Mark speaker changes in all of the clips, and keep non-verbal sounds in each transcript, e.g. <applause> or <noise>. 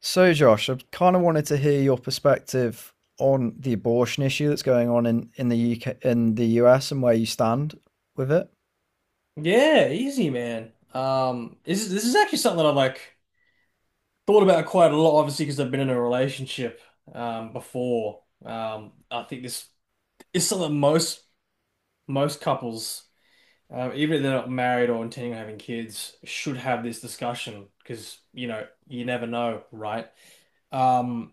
Speaker 1: So, Josh, I kind of wanted to hear your perspective on the abortion issue that's going on in the UK, in the US, and where you stand with it.
Speaker 2: Yeah, easy, man. This is actually something that I've like thought about quite a lot, obviously, because I've been in a relationship before. I think this is something that most couples, even if they're not married or intending on having kids, should have this discussion because you never know, right? Um,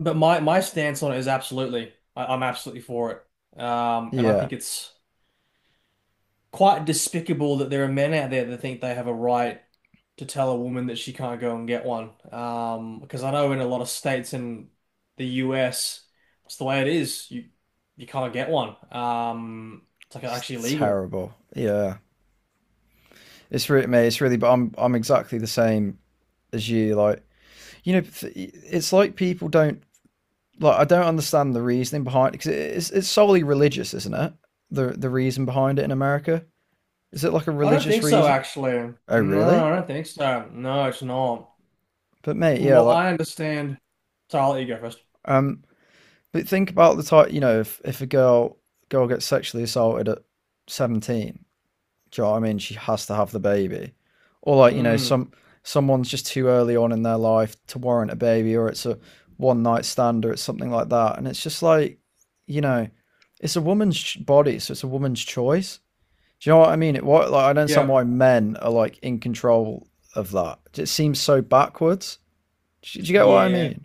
Speaker 2: but my stance on it is absolutely, I'm absolutely for it. And I
Speaker 1: Yeah,
Speaker 2: think it's quite despicable that there are men out there that think they have a right to tell a woman that she can't go and get one. Because I know in a lot of states in the US, it's the way it is. You can't get one. It's like
Speaker 1: it's
Speaker 2: actually illegal.
Speaker 1: terrible. Yeah, it's really but I'm exactly the same as you. Like, you know, it's like people don't like. I don't understand the reasoning behind it, because it's solely religious, isn't it? The reason behind it in America, is it like a
Speaker 2: I don't
Speaker 1: religious
Speaker 2: think so,
Speaker 1: reason?
Speaker 2: actually.
Speaker 1: Oh,
Speaker 2: No, I
Speaker 1: really?
Speaker 2: don't think so. No, it's not.
Speaker 1: But mate,
Speaker 2: From
Speaker 1: yeah,
Speaker 2: what
Speaker 1: like
Speaker 2: I understand, so I'll let you go first.
Speaker 1: um but think about the type, you know, if, if a girl gets sexually assaulted at 17, do you know what I mean? She has to have the baby. Or like, you know,
Speaker 2: Mm,
Speaker 1: someone's just too early on in their life to warrant a baby, or it's a one night stand, or it's something like that. And it's just like, you know, it's a woman's body, so it's a woman's choice. Do you know what I mean? It what like I don't understand
Speaker 2: yep.
Speaker 1: why men are like in control of that. It seems so backwards. Do you get what I
Speaker 2: Yeah.
Speaker 1: mean?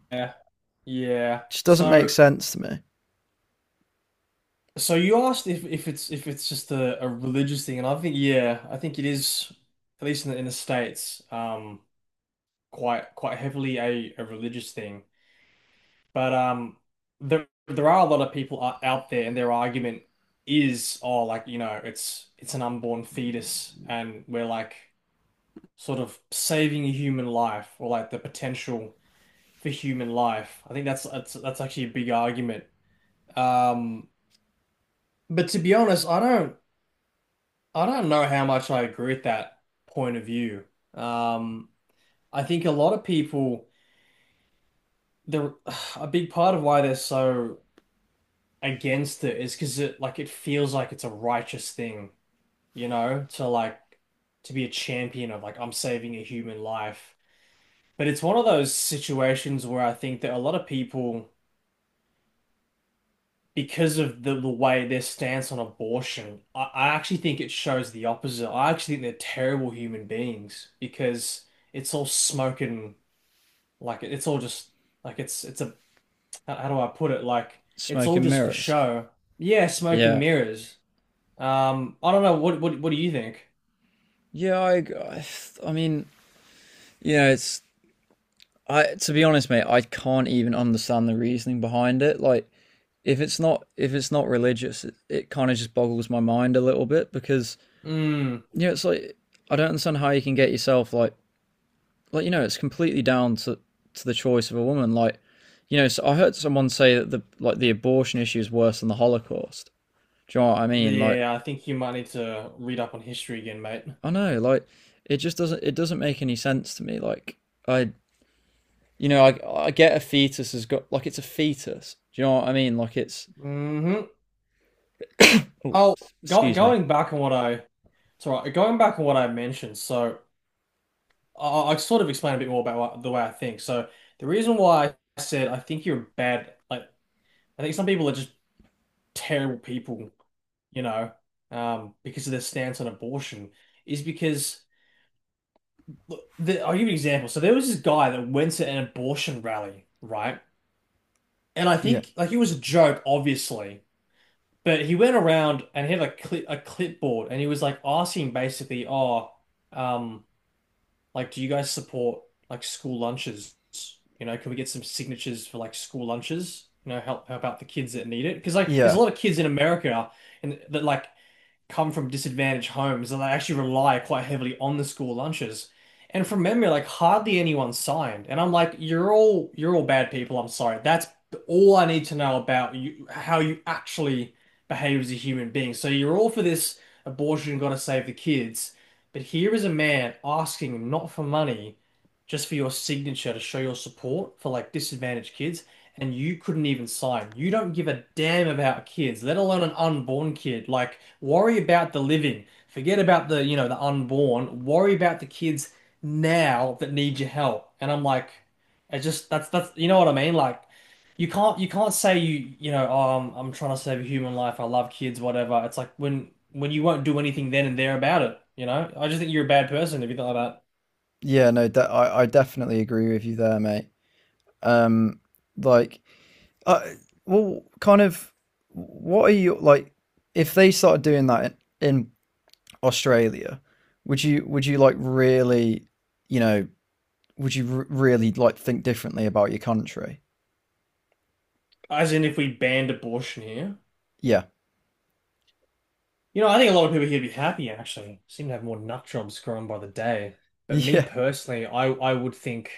Speaker 2: Yeah.
Speaker 1: It just doesn't make
Speaker 2: So.
Speaker 1: sense to me.
Speaker 2: So you asked if, if it's just a religious thing, and I think yeah, I think it is at least in in the States, quite heavily a religious thing. But there are a lot of people out there, and their argument is, oh, like, it's an unborn fetus, and we're like sort of saving a human life, or like the potential for human life. I think that's actually a big argument. Um, but to be honest, I don't. I don't know how much I agree with that point of view. Um, I think a lot of people, the <sighs> a big part of why they're so against it is because it like it feels like it's a righteous thing, to like to be a champion of like I'm saving a human life. But it's one of those situations where I think that a lot of people. Because of the way their stance on abortion, I actually think it shows the opposite. I actually think they're terrible human beings because it's all smoke and like it's all just like it's a how do I put it? Like it's
Speaker 1: Smoke
Speaker 2: all
Speaker 1: and
Speaker 2: just for
Speaker 1: mirrors.
Speaker 2: show. Yeah, smoke and
Speaker 1: Yeah.
Speaker 2: mirrors. I don't know. What do you think?
Speaker 1: Yeah, I mean, you know, it's I to be honest, mate, I can't even understand the reasoning behind it. Like if it's not religious, it kind of just boggles my mind a little bit because
Speaker 2: Mm,
Speaker 1: you know, it's like I don't understand how you can get yourself like you know, it's completely down to the choice of a woman, like you know, so I heard someone say that the like the abortion issue is worse than the Holocaust. Do you know what I mean? Like,
Speaker 2: yeah, I think you might need to read up on history again, mate.
Speaker 1: I know, like it just doesn't make any sense to me. Like, I you know, I get a fetus has got like it's a fetus. Do you know what I mean? Like it's
Speaker 2: Hmm.
Speaker 1: oh,
Speaker 2: Oh,
Speaker 1: excuse me.
Speaker 2: going back on what I, it's all right. Going back on what I mentioned, so. I'll sort of explain a bit more about what, the way I think. So the reason why I said I think you're bad, like I think some people are just terrible people, you know, because of their stance on abortion, is because look, I'll give you an example. So there was this guy that went to an abortion rally, right? And I
Speaker 1: Yeah,
Speaker 2: think like it was a joke, obviously, but he went around and he had a clip a clipboard and he was like asking basically, oh, um. Like, do you guys support like school lunches? You know, can we get some signatures for like school lunches? You know, help out the kids that need it because like there's a
Speaker 1: yeah,
Speaker 2: lot of kids in America and that like come from disadvantaged homes and they actually rely quite heavily on the school lunches. And from memory, like hardly anyone signed. And I'm like, you're all bad people. I'm sorry. That's all I need to know about you, how you actually behave as a human being. So you're all for this abortion, gotta save the kids. But here is a man asking not for money, just for your signature to show your support for like disadvantaged kids and you couldn't even sign. You don't give a damn about kids, let alone an unborn kid. Like, worry about the living. Forget about the, the unborn. Worry about the kids now that need your help. And I'm like, it just that's what I mean? Like, you can't say you you know, oh, I'm trying to save a human life. I love kids, whatever. It's like when you won't do anything then and there about it. You know, I just think you're a bad person if you thought about
Speaker 1: yeah. No, I definitely agree with you there, mate. Um, like, uh, well, kind of. What are you like? If they started doing that in Australia, would you like really, you know, would you really like think differently about your country?
Speaker 2: As in, if we banned abortion here.
Speaker 1: Yeah,
Speaker 2: You know, I think a lot of people here would be happy actually. Seem to have more nut jobs growing by the day. But
Speaker 1: <laughs>
Speaker 2: me
Speaker 1: yeah.
Speaker 2: personally,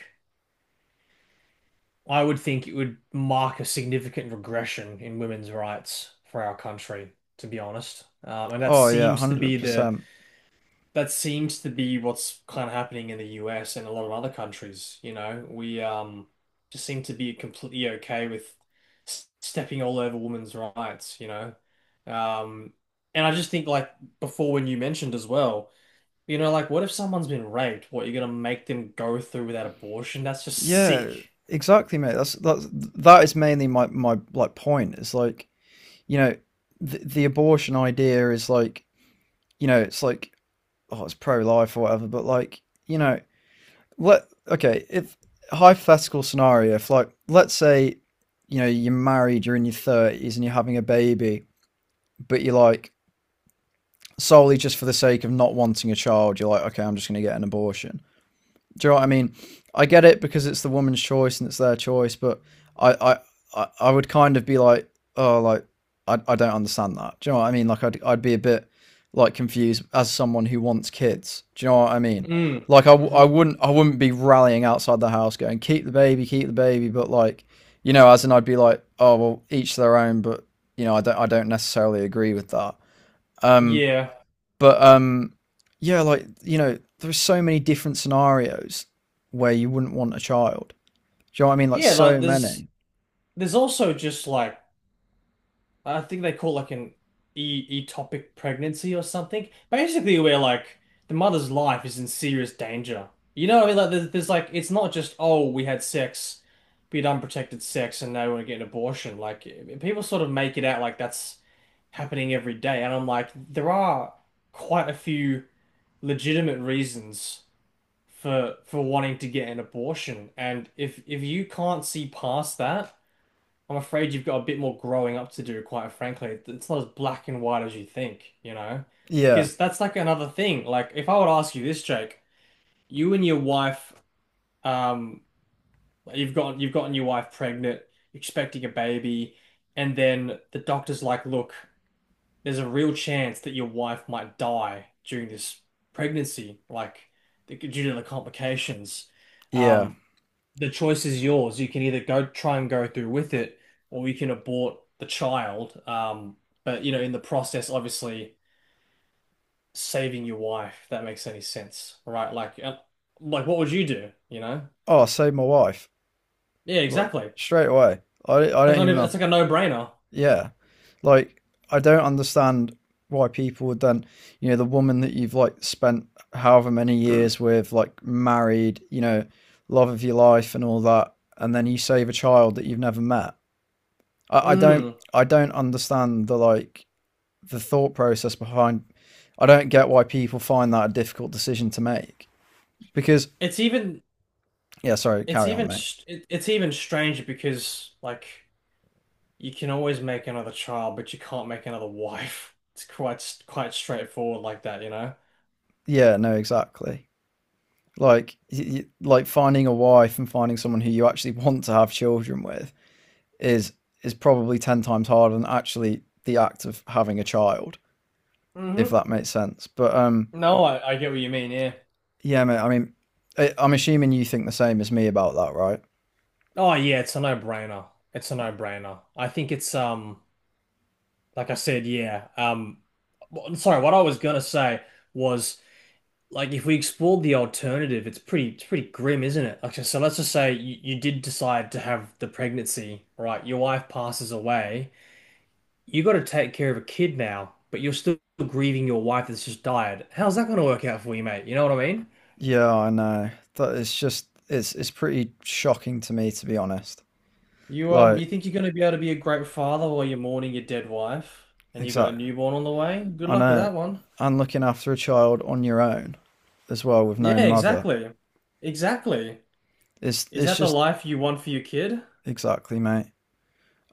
Speaker 2: I would think it would mark a significant regression in women's rights for our country, to be honest. And that
Speaker 1: Oh yeah, one
Speaker 2: seems to
Speaker 1: hundred
Speaker 2: be the
Speaker 1: percent.
Speaker 2: that seems to be what's kind of happening in the US and a lot of other countries. We just seem to be completely okay with stepping all over women's rights. Um, and I just think like before when you mentioned as well. You know, like what if someone's been raped? What, you're gonna make them go through that abortion? That's just sick.
Speaker 1: Yeah, exactly, mate. That is mainly my my like point. It's like you know the abortion idea is like you know it's like oh it's pro life or whatever, but like you know let okay if hypothetical scenario if like let's say you know you're married, you're in your thirties and you're having a baby, but you're like solely just for the sake of not wanting a child, you're like okay I'm just gonna get an abortion. Do you know what I mean? I get it because it's the woman's choice and it's their choice, but I, I, I would kind of be like, oh, like I don't understand that. Do you know what I mean? Like I'd be a bit like confused as someone who wants kids. Do you know what I mean?
Speaker 2: Mm.
Speaker 1: Like I would not I, w-
Speaker 2: Hmm.
Speaker 1: I wouldn't be rallying outside the house going, keep the baby, keep the baby. But like, you know, as in I'd be like, oh, well, each their own. But you know, I don't necessarily agree with that. Um,
Speaker 2: Yeah.
Speaker 1: but yeah, like you know, there's so many different scenarios where you wouldn't want a child. Do you know what I mean? Like
Speaker 2: Yeah, like
Speaker 1: so many.
Speaker 2: there's also just like I think they call it like an e ectopic pregnancy or something. Basically where like the mother's life is in serious danger. You know, what I mean? Like there's like it's not just oh we had sex, we had unprotected sex and now we're getting an abortion. Like people sort of make it out like that's happening every day. And I'm like, there are quite a few legitimate reasons for wanting to get an abortion. And if you can't see past that, I'm afraid you've got a bit more growing up to do, quite frankly. It's not as black and white as you think, you know?
Speaker 1: Yeah,
Speaker 2: Because that's like another thing. Like if I would ask you this, Jake, you and your wife, um, you've gotten your wife pregnant, expecting a baby, and then the doctor's like, look there's a real chance that your wife might die during this pregnancy, like due to the complications.
Speaker 1: yeah.
Speaker 2: Um, the choice is yours. You can either go try and go through with it, or you can abort the child. But you know, in the process, obviously saving your wife, if that makes any sense, right? Like what would you do? You know?
Speaker 1: Oh, I saved my wife
Speaker 2: Yeah,
Speaker 1: like
Speaker 2: exactly.
Speaker 1: straight away. I
Speaker 2: Like
Speaker 1: don't
Speaker 2: not
Speaker 1: even
Speaker 2: even,
Speaker 1: have.
Speaker 2: it's like a no-brainer.
Speaker 1: Yeah, like I don't understand why people would then, you know, the woman that you've like spent however many years with, like married, you know, love of your life and all that, and then you save a child that you've never met. I, I don't
Speaker 2: Mm.
Speaker 1: I don't understand the like the thought process behind. I don't get why people find that a difficult decision to make because
Speaker 2: It's even
Speaker 1: yeah, sorry, carry on, mate.
Speaker 2: it's even strange because like. You can always make another child, but you can't make another wife. <laughs> It's quite straightforward like that, you know?
Speaker 1: Yeah, no, exactly. Like like finding a wife and finding someone who you actually want to have children with is is probably 10 times harder than actually the act of having a child, if
Speaker 2: Hmm.
Speaker 1: that makes sense. But
Speaker 2: No, I get what you mean, yeah.
Speaker 1: yeah, mate. I mean, I'm assuming you think the same as me about that, right?
Speaker 2: Oh yeah, it's a no-brainer. It's a no-brainer. I think it's like I said, yeah. Sorry, what I was gonna say was like if we explored the alternative, it's pretty grim, isn't it? Like so let's just say you did decide to have the pregnancy, right? Your wife passes away. You got to take care of a kid now, but you're still grieving your wife that's just died. How's that going to work out for you, mate? You know what I mean?
Speaker 1: Yeah, I know. That it's just it's pretty shocking to me to be honest. Like
Speaker 2: You think you're gonna be able to be a great father while you're mourning your dead wife, and you got a
Speaker 1: exactly.
Speaker 2: newborn on the way? Good
Speaker 1: I
Speaker 2: luck with
Speaker 1: know.
Speaker 2: that one.
Speaker 1: And looking after a child on your own as well with no
Speaker 2: Yeah,
Speaker 1: mother.
Speaker 2: exactly, exactly. Is
Speaker 1: It's
Speaker 2: that the
Speaker 1: just
Speaker 2: life you want for your kid?
Speaker 1: exactly, mate.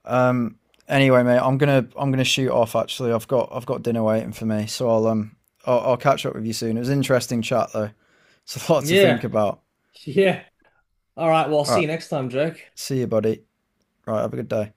Speaker 1: Um anyway, mate, I'm gonna shoot off actually. I've got dinner waiting for me, so I'll I'll catch up with you soon. It was an interesting chat though. It's a lot to
Speaker 2: Yeah.
Speaker 1: think
Speaker 2: <laughs>
Speaker 1: about.
Speaker 2: Yeah. All right. Well, I'll
Speaker 1: All
Speaker 2: see
Speaker 1: right.
Speaker 2: you next time, Jake.
Speaker 1: See you, buddy. All right, have a good day.